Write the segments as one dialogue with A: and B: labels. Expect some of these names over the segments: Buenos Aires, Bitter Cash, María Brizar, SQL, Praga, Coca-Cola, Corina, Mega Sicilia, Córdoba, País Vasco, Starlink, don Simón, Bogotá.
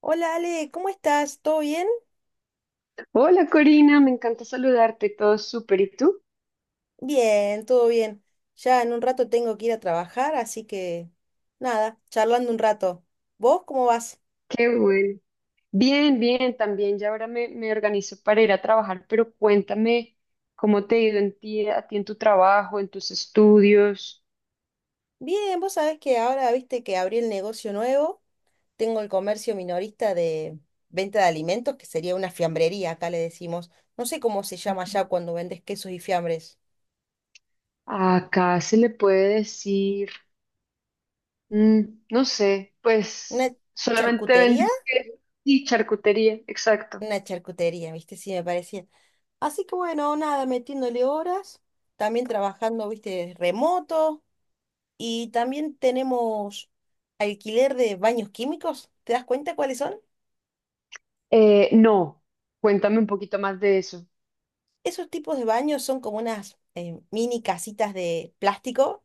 A: Hola Ale, ¿cómo estás? ¿Todo bien?
B: Hola Corina, me encanta saludarte, todo súper. ¿Y tú?
A: Bien, todo bien. Ya en un rato tengo que ir a trabajar, así que nada, charlando un rato. ¿Vos cómo vas?
B: Qué bueno. Bien, bien, también ya ahora me organizo para ir a trabajar, pero cuéntame cómo te ha ido a ti en tu trabajo, en tus estudios.
A: Bien, vos sabés que ahora viste que abrí el negocio nuevo, tengo el comercio minorista de venta de alimentos, que sería una fiambrería, acá le decimos. No sé cómo se llama ya cuando vendes quesos y fiambres.
B: Acá se le puede decir, mm, no sé,
A: ¿Una
B: pues solamente
A: charcutería?
B: vendes queso y charcutería, exacto.
A: Una charcutería, viste, sí me parecía. Así que bueno, nada, metiéndole horas, también trabajando, viste, remoto. Y también tenemos alquiler de baños químicos. ¿Te das cuenta cuáles son?
B: No, cuéntame un poquito más de eso.
A: Esos tipos de baños son como unas mini casitas de plástico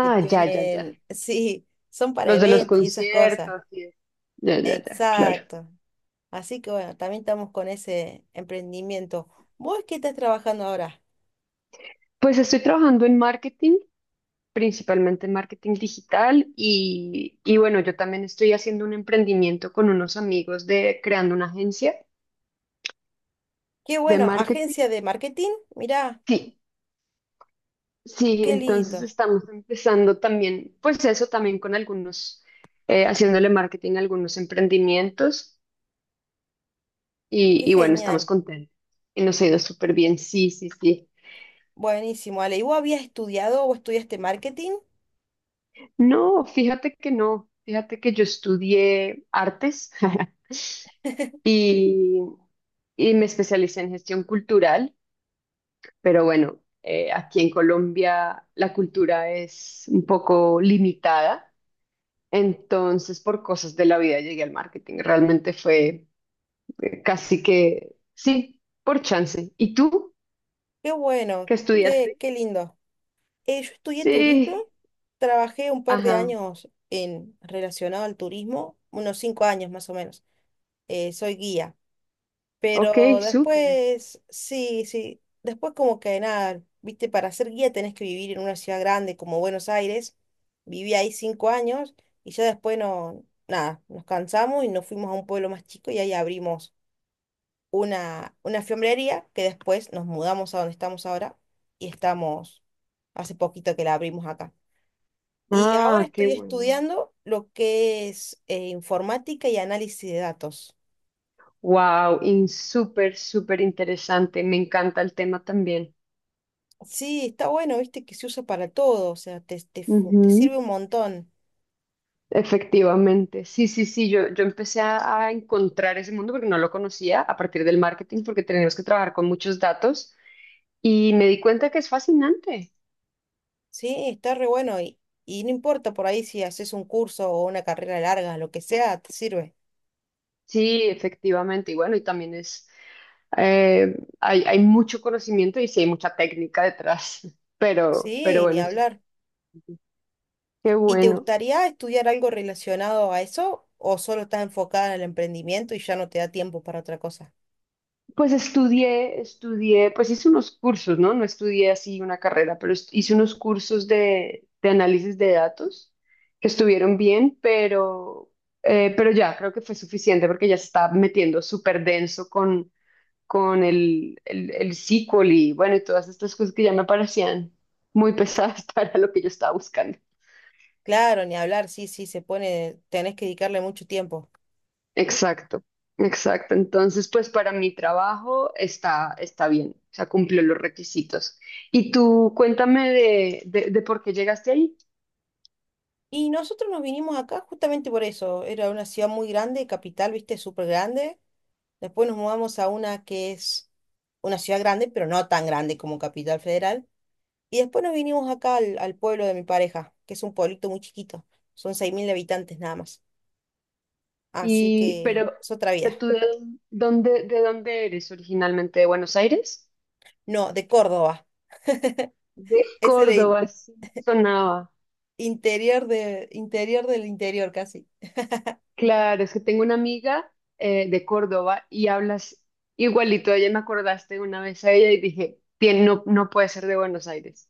A: que
B: ya, ya, ya.
A: tienen, sí, son para
B: Los de los
A: eventos y esas cosas.
B: conciertos, sí. Ya, ya, ya, claro.
A: Exacto. Así que bueno, también estamos con ese emprendimiento. ¿Vos qué estás trabajando ahora?
B: Pues estoy trabajando en marketing, principalmente en marketing digital y bueno, yo también estoy haciendo un emprendimiento con unos amigos de creando una agencia
A: Qué
B: de
A: bueno, agencia
B: marketing.
A: de marketing. Mirá,
B: Sí, sí,
A: qué
B: entonces
A: lindo,
B: estamos empezando también, pues eso también con algunos, haciéndole marketing a algunos emprendimientos
A: qué
B: y bueno, estamos
A: genial.
B: contentos y nos ha ido súper bien, sí, sí, sí.
A: Buenísimo, Ale. ¿Y vos habías estudiado o estudiaste marketing?
B: No, fíjate que no, fíjate que yo estudié artes. Y, y me especialicé en gestión cultural, pero bueno, aquí en Colombia la cultura es un poco limitada, entonces por cosas de la vida llegué al marketing. Realmente fue casi que, sí, por chance. ¿Y tú
A: Qué bueno,
B: qué
A: qué,
B: estudiaste?
A: qué lindo. Yo estudié turismo,
B: Sí,
A: trabajé un par de
B: ajá,
A: años en relacionado al turismo, unos 5 años más o menos. Soy guía,
B: ok,
A: pero
B: súper.
A: después, sí, sí, después como que nada, viste, para ser guía tenés que vivir en una ciudad grande como Buenos Aires. Viví ahí 5 años y ya después no, nada, nos cansamos y nos fuimos a un pueblo más chico y ahí abrimos una fiambrería que después nos mudamos a donde estamos ahora y estamos hace poquito que la abrimos acá. Y ahora
B: Ah, qué
A: estoy
B: bueno.
A: estudiando lo que es informática y análisis de datos.
B: Wow, súper, súper interesante. Me encanta el tema también.
A: Sí, está bueno, viste que se usa para todo, o sea, te sirve un montón.
B: Efectivamente, sí, sí, sí, yo empecé a encontrar ese mundo porque no lo conocía a partir del marketing porque tenemos que trabajar con muchos datos y me di cuenta que es fascinante.
A: Sí, está re bueno y no importa por ahí si haces un curso o una carrera larga, lo que sea, te sirve.
B: Sí, efectivamente, y bueno, y también es, hay mucho conocimiento y sí hay mucha técnica detrás, pero
A: Sí, ni
B: bueno, eso-
A: hablar.
B: qué
A: ¿Y te
B: bueno.
A: gustaría estudiar algo relacionado a eso o solo estás enfocada en el emprendimiento y ya no te da tiempo para otra cosa?
B: Pues estudié, estudié, pues hice unos cursos, ¿no? No estudié así una carrera, pero hice unos cursos de análisis de datos que estuvieron bien, pero ya creo que fue suficiente porque ya se estaba metiendo súper denso con el SQL y bueno, y todas estas cosas que ya me parecían muy pesadas para lo que yo estaba buscando.
A: Claro, ni hablar, sí, sí, se pone, tenés que dedicarle mucho tiempo.
B: Exacto, exacto. Entonces, pues para mi trabajo está, está bien, o sea, cumplió los requisitos. Y tú cuéntame de por qué llegaste ahí.
A: Y nosotros nos vinimos acá justamente por eso. Era una ciudad muy grande, capital, viste, súper grande. Después nos mudamos a una que es una ciudad grande, pero no tan grande como Capital Federal. Y después nos vinimos acá al pueblo de mi pareja, que es un pueblito muy chiquito. Son 6.000 habitantes nada más. Así
B: Y,
A: que es otra
B: pero
A: vida.
B: tú de dónde eres originalmente, ¿de Buenos Aires?
A: No, de Córdoba.
B: De
A: Es el
B: Córdoba, sí, sonaba.
A: interior, interior del interior casi.
B: Claro, es que tengo una amiga de Córdoba y hablas igualito. A ella me acordaste una vez a ella y dije, No, no puede ser de Buenos Aires".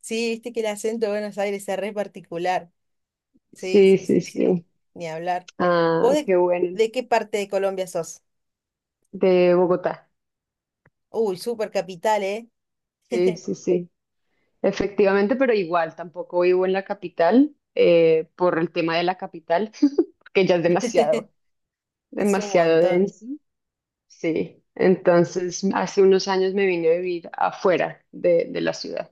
A: Sí, viste que el acento de Buenos Aires es re particular. Sí,
B: Sí,
A: sí,
B: sí,
A: sí, sí,
B: sí.
A: ni hablar. ¿Vos
B: Ah,
A: de,
B: qué bueno.
A: de qué parte de Colombia sos?
B: De Bogotá.
A: Uy, super capital, ¿eh?
B: Sí, sí, sí. Efectivamente, pero igual tampoco vivo en la capital por el tema de la capital, que ya es demasiado,
A: Es un
B: demasiado
A: montón.
B: denso. Sí. Entonces, hace unos años me vine a vivir afuera de la ciudad.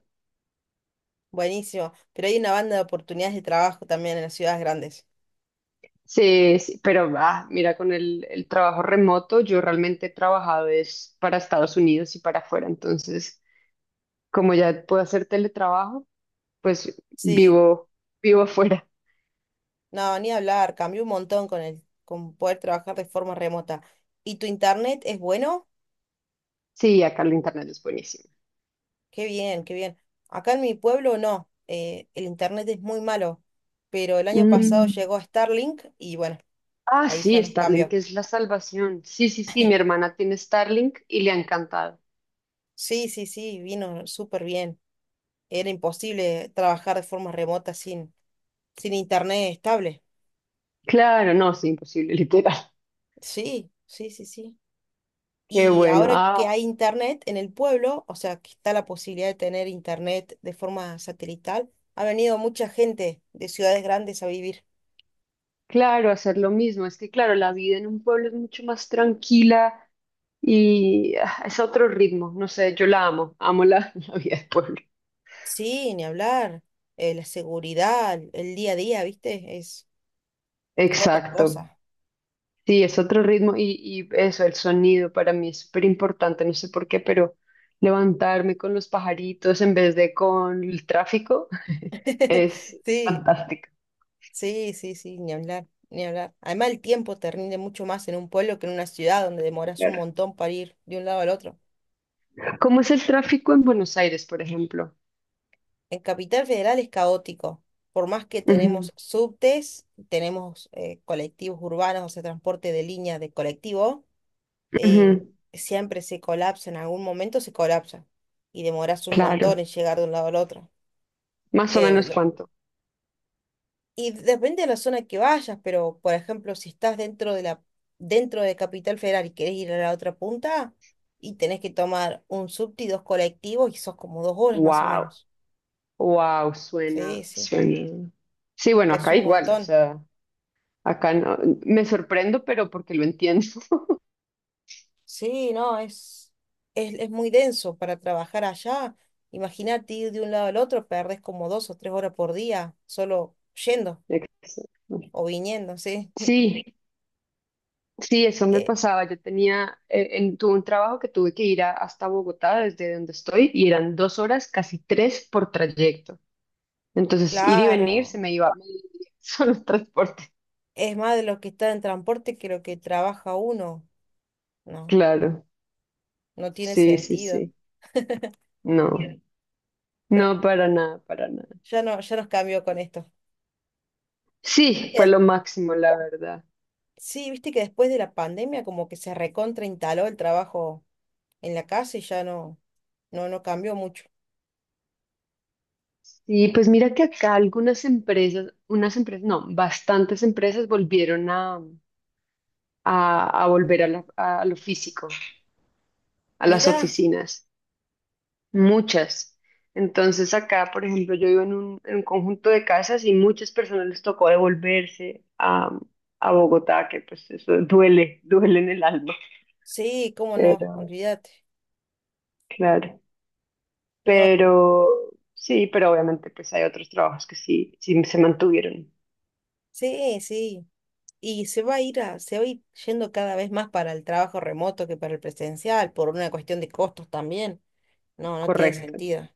A: Buenísimo. Pero hay una banda de oportunidades de trabajo también en las ciudades grandes.
B: Sí, sí, pero ah, mira, con el trabajo remoto, yo realmente he trabajado es para Estados Unidos y para afuera. Entonces, como ya puedo hacer teletrabajo, pues
A: Sí,
B: vivo afuera.
A: no, ni hablar. Cambió un montón con el, con poder trabajar de forma remota. ¿Y tu internet es bueno?
B: Sí, acá el internet es buenísimo.
A: Qué bien, qué bien. Acá en mi pueblo no. El internet es muy malo. Pero el año pasado
B: Mm.
A: llegó Starlink y bueno,
B: Ah,
A: ahí ya
B: sí,
A: nos
B: Starlink
A: cambió.
B: es la salvación. Sí, sí, sí, mi hermana tiene Starlink y le ha encantado.
A: Sí, sí, sí, vino súper bien. Era imposible trabajar de forma remota sin internet estable.
B: Claro, no, es imposible, literal.
A: Sí, sí, sí, sí.
B: Qué
A: Y
B: bueno.
A: ahora
B: Ah,
A: que hay internet en el pueblo, o sea, que está la posibilidad de tener internet de forma satelital, ha venido mucha gente de ciudades grandes a vivir.
B: claro, hacer lo mismo. Es que, claro, la vida en un pueblo es mucho más tranquila y ah, es otro ritmo. No sé, yo la amo, la vida del pueblo.
A: Sí, ni hablar. La seguridad, el día a día, ¿viste? Es otra
B: Exacto.
A: cosa.
B: Sí, es otro ritmo y eso, el sonido para mí es súper importante, no sé por qué, pero levantarme con los pajaritos en vez de con el tráfico es
A: Sí,
B: fantástico.
A: sí, sí, sí, ni hablar, ni hablar. Además, el tiempo te rinde mucho más en un pueblo que en una ciudad donde demoras un
B: Claro.
A: montón para ir de un lado al otro.
B: ¿Cómo es el tráfico en Buenos Aires, por ejemplo?
A: En Capital Federal es caótico. Por más que
B: Ujú,
A: tenemos subtes, tenemos colectivos urbanos, o sea, transporte de línea de colectivo, eh,
B: ujú,
A: siempre se colapsa, en algún momento se colapsa y demoras un montón
B: claro,
A: en llegar de un lado al otro.
B: más o
A: Eh,
B: menos
A: lo-
B: cuánto.
A: y depende de la zona que vayas, pero por ejemplo, si estás dentro de Capital Federal y querés ir a la otra punta y tenés que tomar un subte y dos colectivos y sos como 2 horas más o
B: Wow,
A: menos.
B: wow,
A: Sí,
B: suena,
A: sí,
B: suena. Sí, bueno,
A: es
B: acá
A: un
B: igual, o
A: montón.
B: sea, acá no, me sorprendo, pero porque lo entiendo.
A: Sí, no, es muy denso para trabajar allá. Imagínate ir de un lado al otro, perdés como 2 o 3 horas por día solo yendo
B: Exacto.
A: o viniendo, ¿sí?
B: Sí, sí, eso me
A: Eh,
B: pasaba. Yo tenía, tuve un trabajo que tuve que ir hasta Bogotá, desde donde estoy, y eran dos horas, casi tres por trayecto. Entonces, ir y venir se
A: claro,
B: me iba medio día solo en transporte.
A: es más de lo que está en transporte que lo que trabaja uno. No,
B: Claro,
A: no tiene
B: sí, sí,
A: sentido.
B: sí. No,
A: Pero
B: no, para nada, para nada.
A: ya no, ya nos cambió con esto. Viste
B: Sí,
A: que
B: fue
A: des-
B: lo máximo, la verdad.
A: Sí, viste que después de la pandemia como que se recontra instaló el trabajo en la casa y ya no cambió mucho.
B: Y pues mira que acá algunas empresas, unas empresas, no, bastantes empresas volvieron a volver a a lo físico, a las
A: Mirá,
B: oficinas. Muchas. Entonces acá, por ejemplo, yo vivo en un conjunto de casas y muchas personas les tocó devolverse a Bogotá, que pues eso duele, duele en el alma.
A: sí, cómo no,
B: Pero,
A: olvídate.
B: claro.
A: Pero bueno,
B: Pero sí, pero obviamente pues hay otros trabajos que sí, sí se mantuvieron.
A: sí, sí. Y se va a ir a, se va a ir yendo cada vez más para el trabajo remoto que para el presencial, por una cuestión de costos también. No, no tiene
B: Correcto.
A: sentido.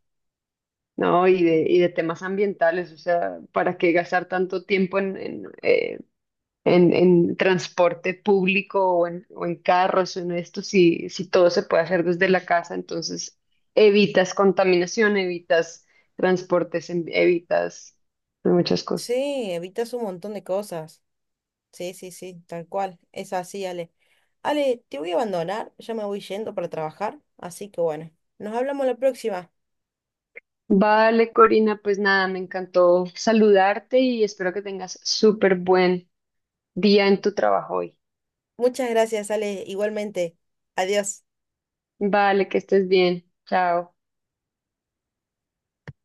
B: No, y de temas ambientales, o sea, ¿para qué gastar tanto tiempo en transporte público o en carros o en esto, si, si todo se puede hacer desde la casa, entonces evitas contaminación, evitas transportes, evitas muchas cosas.
A: Sí, evitas un montón de cosas. Sí, sí, sí, tal cual. Es así, Ale. Ale, te voy a abandonar, ya me voy yendo para trabajar, así que bueno, nos hablamos la próxima.
B: Vale, Corina, pues nada, me encantó saludarte y espero que tengas súper buen día en tu trabajo hoy.
A: Muchas gracias, Ale, igualmente. Adiós.
B: Vale, que estés bien. Chao.